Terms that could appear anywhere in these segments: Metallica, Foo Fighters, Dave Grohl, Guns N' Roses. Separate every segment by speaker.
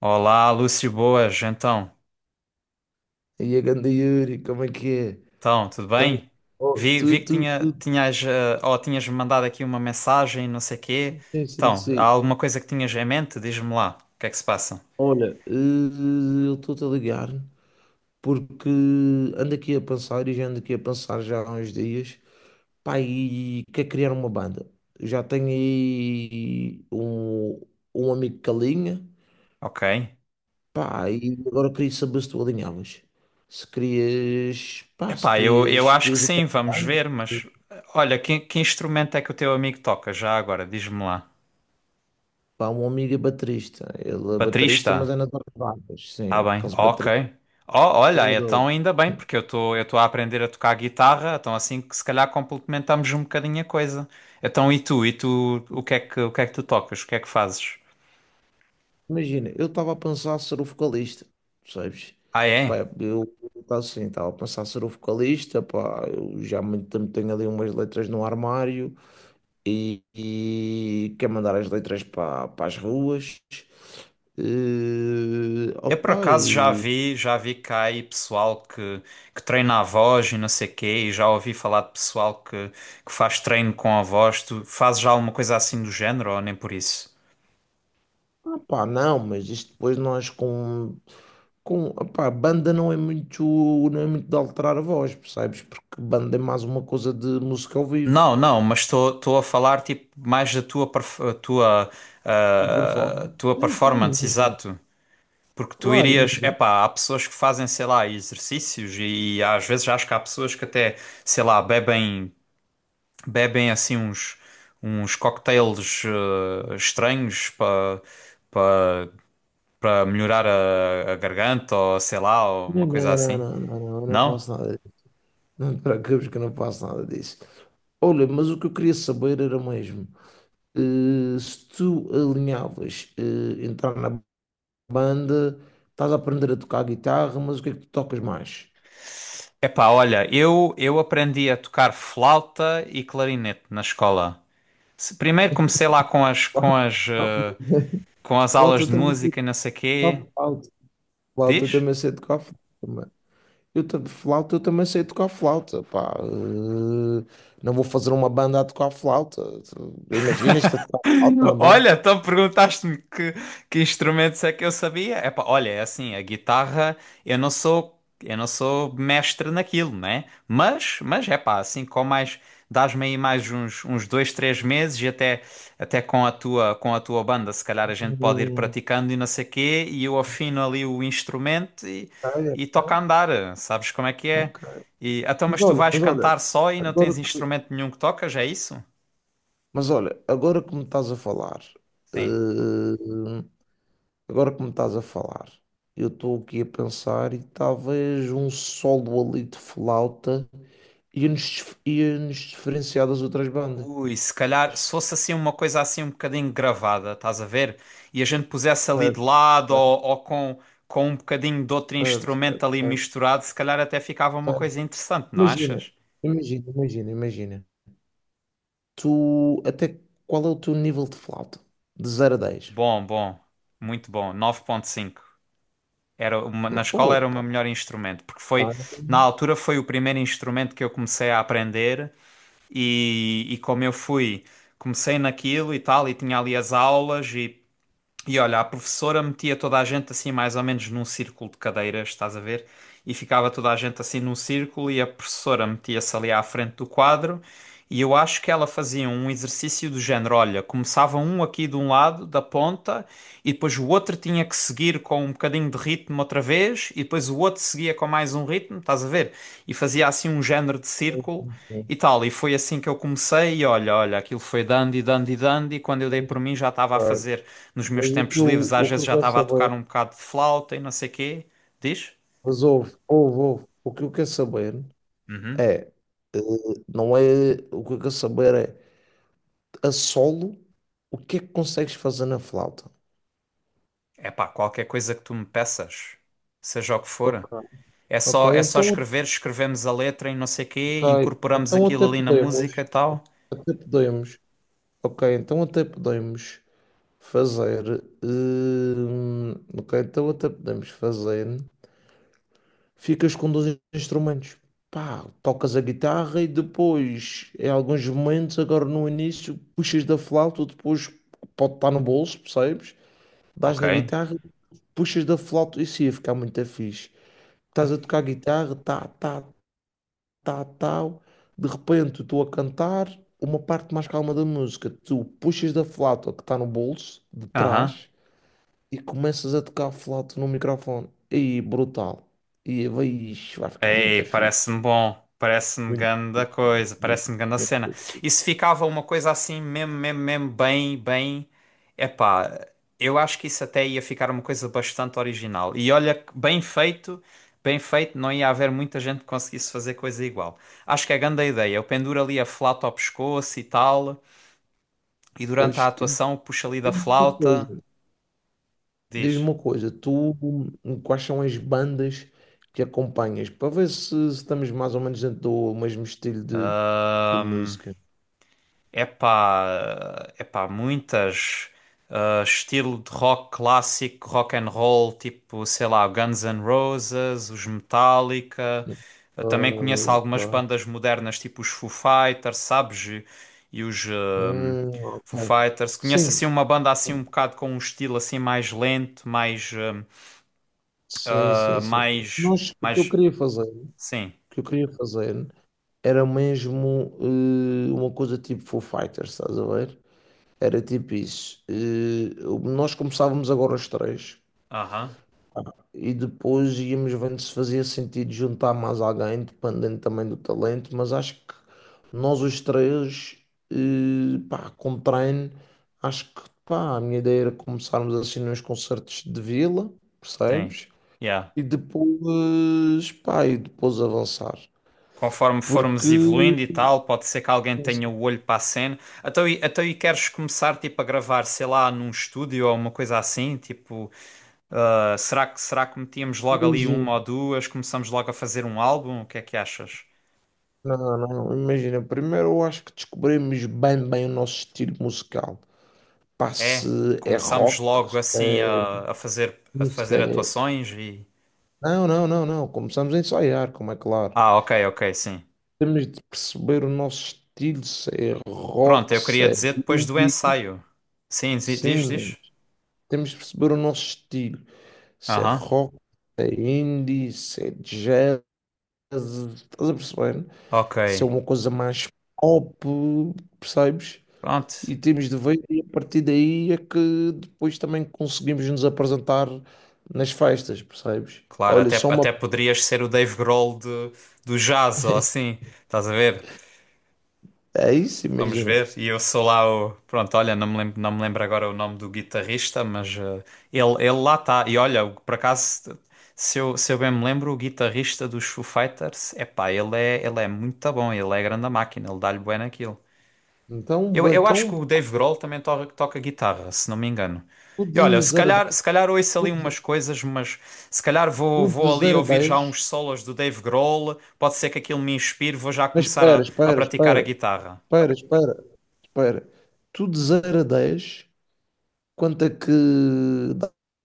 Speaker 1: Olá, Lúcio, boas, então.
Speaker 2: E a ganda Yuri, como é que é?
Speaker 1: Então, tudo
Speaker 2: Tá-
Speaker 1: bem?
Speaker 2: oh,
Speaker 1: Vi
Speaker 2: tu,
Speaker 1: que
Speaker 2: tu,
Speaker 1: tinha,
Speaker 2: tu, tu-
Speaker 1: tinhas, eh, ou tinhas me mandado aqui uma mensagem, não sei quê.
Speaker 2: sim, sim,
Speaker 1: Então, há
Speaker 2: sim.
Speaker 1: alguma coisa que tinhas em mente? Diz-me lá, o que é que se passa?
Speaker 2: Olha, eu estou-te a ligar porque ando aqui a pensar e já ando aqui a pensar já há uns dias. Pá, e quer criar uma banda. Já tenho aí um amigo que alinha.
Speaker 1: Ok.
Speaker 2: Pá, e agora queria saber se tu alinhavas. Se querias, pá, se
Speaker 1: Epá, eu
Speaker 2: querias,
Speaker 1: acho que
Speaker 2: querias entrar
Speaker 1: sim,
Speaker 2: na
Speaker 1: vamos
Speaker 2: banda.
Speaker 1: ver, mas olha, que instrumento é que o teu amigo toca já agora? Diz-me lá.
Speaker 2: Pá, um amigo é baterista. Ele é baterista, mas
Speaker 1: Baterista?
Speaker 2: é na das bandas. Sim,
Speaker 1: Tá bem,
Speaker 2: aqueles bateristas
Speaker 1: ok. Oh, olha, então
Speaker 2: amadores.
Speaker 1: ainda bem, porque eu estou a aprender a tocar guitarra, então assim que se calhar complementamos um bocadinho a coisa. Então e tu? E tu, o que é que tu tocas? O que é que fazes?
Speaker 2: Imagina, eu estava a pensar ser o vocalista, percebes?
Speaker 1: Ah,
Speaker 2: Pá,
Speaker 1: é?
Speaker 2: eu estava assim, estava a pensar ser o vocalista, pá, eu já há muito tempo tenho ali umas letras no armário e quero mandar as letras para as ruas. Eh,
Speaker 1: Eu por
Speaker 2: opa,
Speaker 1: acaso já vi cá aí pessoal que treina a voz e não sei quê, e já ouvi falar de pessoal que faz treino com a voz. Tu fazes já alguma coisa assim do género ou nem por isso?
Speaker 2: Ah, pá, não, mas isto depois nós banda não é muito, não é muito de alterar a voz, percebes? Porque banda é mais uma coisa de música ao vivo,
Speaker 1: Não, não, mas estou a falar tipo mais da tua perf- a tua
Speaker 2: de
Speaker 1: ah,
Speaker 2: performance.
Speaker 1: tua
Speaker 2: Sim, sim,
Speaker 1: performance,
Speaker 2: imagina.
Speaker 1: exato. Porque tu
Speaker 2: Claro,
Speaker 1: irias,
Speaker 2: imagina.
Speaker 1: epá, há pessoas que fazem, sei lá, exercícios e, às vezes acho que há pessoas que até, sei lá, bebem assim uns cocktails estranhos para para melhorar a garganta ou sei lá, ou
Speaker 2: Não,
Speaker 1: uma coisa
Speaker 2: não, não,
Speaker 1: assim.
Speaker 2: não, não, não, eu não
Speaker 1: Não?
Speaker 2: faço nada disso. Não te preocupes que eu não faço nada disso. Olha, mas o que eu queria saber era mesmo, se tu alinhavas, entrar na banda, estás a aprender a tocar guitarra, mas o que é que tu tocas mais?
Speaker 1: Epá, olha, eu aprendi a tocar flauta e clarinete na escola. Primeiro comecei lá com
Speaker 2: O
Speaker 1: as aulas
Speaker 2: flauta
Speaker 1: de
Speaker 2: também sei
Speaker 1: música e não sei
Speaker 2: tocar
Speaker 1: quê.
Speaker 2: flauta. Flauta
Speaker 1: Diz?
Speaker 2: também sei tocar flauta, mano. Flauta eu também sei tocar flauta, pá. Não vou fazer uma banda a tocar flauta. Imaginas-te a tocar flauta na banda?
Speaker 1: Olha, então que instrumentos é que eu sabia. Epá, olha, é assim, a guitarra, eu não sou mestre naquilo, né? Mas é pá, assim, com mais, dás-me aí mais uns dois, três meses e até, até com com a tua banda, se calhar a gente pode ir
Speaker 2: Hum,
Speaker 1: praticando e não sei quê, e eu afino ali o instrumento
Speaker 2: ok,
Speaker 1: e toca a
Speaker 2: ok,
Speaker 1: andar, sabes como é que é?
Speaker 2: ok.
Speaker 1: E, então,
Speaker 2: Mas
Speaker 1: mas tu
Speaker 2: olha,
Speaker 1: vais
Speaker 2: mas olha,
Speaker 1: cantar só e não
Speaker 2: agora
Speaker 1: tens
Speaker 2: que,
Speaker 1: instrumento nenhum que tocas, é isso?
Speaker 2: mas olha, agora que me estás a falar,
Speaker 1: Sim.
Speaker 2: eh, Agora que me estás a falar, eu estou aqui a pensar e talvez um solo ali de flauta ia-nos diferenciar das outras bandas.
Speaker 1: Ui, se calhar, se fosse assim uma coisa assim um bocadinho gravada, estás a ver? E a gente pusesse ali de
Speaker 2: Certo,
Speaker 1: lado
Speaker 2: certo,
Speaker 1: ou com com, um bocadinho de outro
Speaker 2: certo,
Speaker 1: instrumento
Speaker 2: certo,
Speaker 1: ali
Speaker 2: certo,
Speaker 1: misturado, se calhar até ficava uma
Speaker 2: certo.
Speaker 1: coisa interessante, não
Speaker 2: Imagina,
Speaker 1: achas?
Speaker 2: imagina, imagina, imagina. Tu, até qual é o teu nível de flauta? De zero a 10.
Speaker 1: Bom, bom, muito bom, 9,5. Era na
Speaker 2: Não,
Speaker 1: escola era o meu
Speaker 2: opa!
Speaker 1: melhor instrumento, porque foi,
Speaker 2: Pá, não
Speaker 1: na altura foi o primeiro instrumento que eu comecei a aprender e, comecei naquilo e tal, e tinha ali as aulas e olha, a professora metia toda a gente assim, mais ou menos num círculo de cadeiras, estás a ver? E ficava toda a gente assim num círculo e a professora metia-se ali à frente do quadro. E eu acho que ela fazia um exercício do género: olha, começava um aqui de um lado, da ponta, e depois o outro tinha que seguir com um bocadinho de ritmo outra vez, e depois o outro seguia com mais um ritmo, estás a ver? E fazia assim um género de
Speaker 2: sei,
Speaker 1: círculo.
Speaker 2: não sei,
Speaker 1: E tal, e foi assim que eu comecei, e olha, aquilo foi dando e dando e dando, e quando eu dei
Speaker 2: não
Speaker 1: por mim já estava a
Speaker 2: sei.
Speaker 1: fazer nos meus
Speaker 2: Mas o
Speaker 1: tempos
Speaker 2: que
Speaker 1: livres,
Speaker 2: eu,
Speaker 1: às
Speaker 2: o que
Speaker 1: vezes
Speaker 2: eu
Speaker 1: já
Speaker 2: quero
Speaker 1: estava a tocar
Speaker 2: saber,
Speaker 1: um bocado de flauta e não sei quê. Diz?
Speaker 2: mas ouve, ouve, ouve, o que eu quero saber
Speaker 1: Uhum.
Speaker 2: é, não é. O que eu quero saber é, a solo, o que é que consegues fazer na flauta?
Speaker 1: Epá, qualquer coisa que tu me peças, seja o que for.
Speaker 2: Ok, ok,
Speaker 1: É só
Speaker 2: então,
Speaker 1: escrever, escrevemos a letra e não sei quê,
Speaker 2: ok,
Speaker 1: incorporamos
Speaker 2: então
Speaker 1: aquilo ali na música e tal.
Speaker 2: até podemos, ok, então até podemos fazer, ok, então até podemos fazer, ficas com dois instrumentos, pá, tocas a guitarra e depois, em alguns momentos, agora no início, puxas da flauta, depois pode estar no bolso, percebes? Dás
Speaker 1: Ok.
Speaker 2: na guitarra puxas da flauta, isso ia ficar muito fixe. Estás a tocar guitarra, tá, tá, tá, tal. De repente, estou a cantar uma parte mais calma da música. Tu puxas da flauta que está no bolso, de
Speaker 1: Aham.
Speaker 2: trás, e começas a tocar a flauta no microfone. E brutal. E vai, ixi, vai ficar
Speaker 1: Ei,
Speaker 2: muito fixe.
Speaker 1: parece-me bom. Parece-me
Speaker 2: Muito
Speaker 1: ganda
Speaker 2: fixe.
Speaker 1: coisa. Parece-me ganda
Speaker 2: muito
Speaker 1: cena.
Speaker 2: fixe.
Speaker 1: E se ficava uma coisa assim, mesmo, bem. Epá, eu acho que isso até ia ficar uma coisa bastante original. E olha, bem feito, não ia haver muita gente que conseguisse fazer coisa igual. Acho que é ganda ideia. Eu penduro ali a flauta ao pescoço e tal. E
Speaker 2: Pois,
Speaker 1: durante a
Speaker 2: e
Speaker 1: atuação puxo ali da
Speaker 2: uma
Speaker 1: flauta.
Speaker 2: coisa, diz-me
Speaker 1: Diz.
Speaker 2: uma coisa, tu quais são as bandas que acompanhas para ver se estamos mais ou menos dentro do mesmo estilo de música.
Speaker 1: Epá, muitas. Estilo de rock clássico, rock and roll, tipo, sei lá, Guns N' Roses, os Metallica. Eu
Speaker 2: Ah,
Speaker 1: também conheço algumas
Speaker 2: ok.
Speaker 1: bandas modernas, tipo os Foo Fighters, sabes? E e os ah,
Speaker 2: Ok.
Speaker 1: Foo Fighters. Conheço
Speaker 2: Sim,
Speaker 1: assim uma banda assim um bocado com um estilo assim mais lento, mais,
Speaker 2: sim,
Speaker 1: ah, ah,
Speaker 2: sim, sim.
Speaker 1: mais,
Speaker 2: Nós, o que eu
Speaker 1: mais,
Speaker 2: queria fazer, o
Speaker 1: sim,
Speaker 2: que eu queria fazer era mesmo uma coisa tipo Foo Fighters, estás a ver? Era tipo isso. Nós começávamos agora os três.
Speaker 1: aham,
Speaker 2: E depois íamos vendo se fazia sentido juntar mais alguém, dependendo também do talento, mas acho que nós os três, pá, com treino, acho que pá, a minha ideia era começarmos assim nos concertos de vila,
Speaker 1: tem,
Speaker 2: percebes?
Speaker 1: yeah.
Speaker 2: E depois, pá, e depois avançar.
Speaker 1: Conforme
Speaker 2: Porque,
Speaker 1: formos evoluindo e tal, pode ser que alguém tenha o olho para a cena. Então, queres começar tipo a gravar, sei lá, num estúdio ou uma coisa assim? Tipo, será que metíamos logo ali
Speaker 2: imagina,
Speaker 1: uma ou duas? Começamos logo a fazer um álbum? O que é que achas?
Speaker 2: não, não, imagina, primeiro eu acho que descobrimos bem, bem o nosso estilo musical. Pá, se
Speaker 1: É,
Speaker 2: é
Speaker 1: começamos
Speaker 2: rock,
Speaker 1: logo
Speaker 2: se
Speaker 1: assim
Speaker 2: é
Speaker 1: a fazer a
Speaker 2: isso.
Speaker 1: fazer atuações e
Speaker 2: Não, não, não, não. Começamos a ensaiar, como é claro.
Speaker 1: ah, ok, ok, sim.
Speaker 2: Temos de perceber o nosso estilo, se é
Speaker 1: Pronto,
Speaker 2: rock,
Speaker 1: eu
Speaker 2: se
Speaker 1: queria
Speaker 2: é
Speaker 1: dizer depois do
Speaker 2: indie.
Speaker 1: ensaio. Sim, diz,
Speaker 2: Sim,
Speaker 1: diz.
Speaker 2: temos de perceber o nosso estilo. Se é
Speaker 1: Aham.
Speaker 2: rock, se é indie, se é jazz. Estás a perceber?
Speaker 1: Ok.
Speaker 2: Se é uma coisa mais pop, percebes?
Speaker 1: Pronto.
Speaker 2: E temos de ver, e a partir daí é que depois também conseguimos nos apresentar nas festas, percebes?
Speaker 1: Claro,
Speaker 2: Olha, só uma.
Speaker 1: até poderias ser o Dave Grohl do, do jazz ou assim, estás a ver?
Speaker 2: É isso,
Speaker 1: Vamos
Speaker 2: imagina.
Speaker 1: ver. E eu sou lá o. Pronto, olha, não me lembro agora o nome do guitarrista, mas ele lá está. E olha, por acaso, se eu bem me lembro, o guitarrista dos Foo Fighters, epá, ele é muito bom, ele é grande a máquina, ele dá-lhe bem naquilo.
Speaker 2: Então,
Speaker 1: Eu acho que
Speaker 2: então
Speaker 1: o Dave Grohl também toca guitarra, se não me engano.
Speaker 2: O
Speaker 1: E olha,
Speaker 2: de zero a dez
Speaker 1: se calhar ouço
Speaker 2: O
Speaker 1: ali
Speaker 2: de,
Speaker 1: umas coisas, mas se calhar
Speaker 2: o
Speaker 1: vou
Speaker 2: de
Speaker 1: ali
Speaker 2: zero a
Speaker 1: ouvir já
Speaker 2: dez.
Speaker 1: uns solos do Dave Grohl. Pode ser que aquilo me inspire, vou já
Speaker 2: Mas
Speaker 1: começar
Speaker 2: espera,
Speaker 1: a
Speaker 2: espera,
Speaker 1: praticar a
Speaker 2: espera.
Speaker 1: guitarra.
Speaker 2: Espera, espera, espera. Tu de zero a 10, quanto é que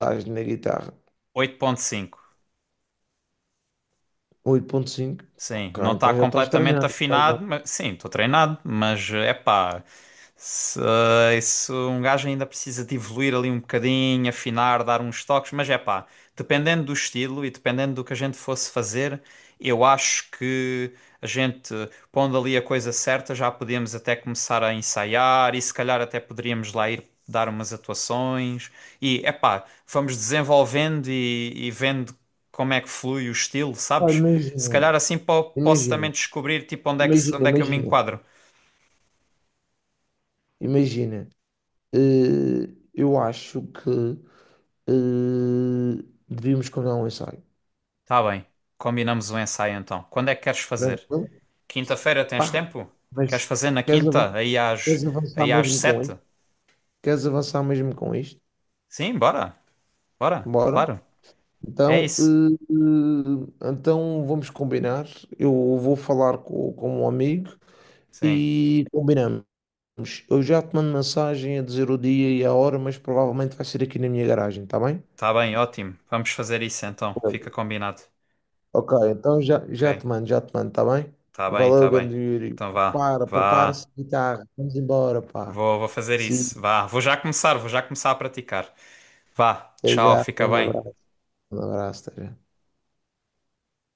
Speaker 2: dás na guitarra?
Speaker 1: Oito ponto cinco.
Speaker 2: 8,5.
Speaker 1: Sim,
Speaker 2: Ok,
Speaker 1: não está
Speaker 2: então já estás
Speaker 1: completamente
Speaker 2: treinado. Estás bem.
Speaker 1: afinado, mas sim, estou treinado, mas é pá, se, se um gajo ainda precisa de evoluir ali um bocadinho, afinar, dar uns toques, mas é pá, dependendo do estilo e dependendo do que a gente fosse fazer, eu acho que a gente, pondo ali a coisa certa, já podíamos até começar a ensaiar e se calhar até poderíamos lá ir dar umas atuações. E é pá, vamos desenvolvendo e vendo como é que flui o estilo,
Speaker 2: Pá,
Speaker 1: sabes? Se
Speaker 2: imagina,
Speaker 1: calhar assim posso também
Speaker 2: imagina,
Speaker 1: descobrir tipo onde é que,
Speaker 2: imagina,
Speaker 1: onde é que eu me
Speaker 2: imagina,
Speaker 1: enquadro.
Speaker 2: imagina. Eu acho que devíamos combinar um ensaio.
Speaker 1: Tá bem. Combinamos o ensaio então. Quando é que queres fazer?
Speaker 2: Tranquilo?
Speaker 1: Quinta-feira tens
Speaker 2: Pá,
Speaker 1: tempo?
Speaker 2: mas
Speaker 1: Queres fazer na
Speaker 2: queres avan-
Speaker 1: quinta?
Speaker 2: queres avançar
Speaker 1: Aí às
Speaker 2: mesmo com
Speaker 1: 7?
Speaker 2: Queres avançar mesmo com isto?
Speaker 1: Sim, bora. Bora,
Speaker 2: Bora.
Speaker 1: claro. É
Speaker 2: Então,
Speaker 1: isso.
Speaker 2: eh, então, vamos combinar. Eu vou falar com um amigo
Speaker 1: Sim.
Speaker 2: e combinamos. Eu já te mando mensagem a dizer o dia e a hora, mas provavelmente vai ser aqui na minha garagem, tá bem?
Speaker 1: Tá bem, ótimo. Vamos fazer isso então. Fica combinado.
Speaker 2: Ok, então já, já
Speaker 1: Ok.
Speaker 2: te mando, já te mando, tá bem?
Speaker 1: Tá bem,
Speaker 2: Valeu,
Speaker 1: tá bem.
Speaker 2: grande Yuri.
Speaker 1: Então vá,
Speaker 2: Prepara-se
Speaker 1: vá.
Speaker 2: a guitarra. Vamos embora, pá.
Speaker 1: Vou fazer
Speaker 2: Sim,
Speaker 1: isso. Vá. Vou já começar a praticar. Vá.
Speaker 2: até
Speaker 1: Tchau,
Speaker 2: já.
Speaker 1: fica bem.
Speaker 2: Um abraço, até já.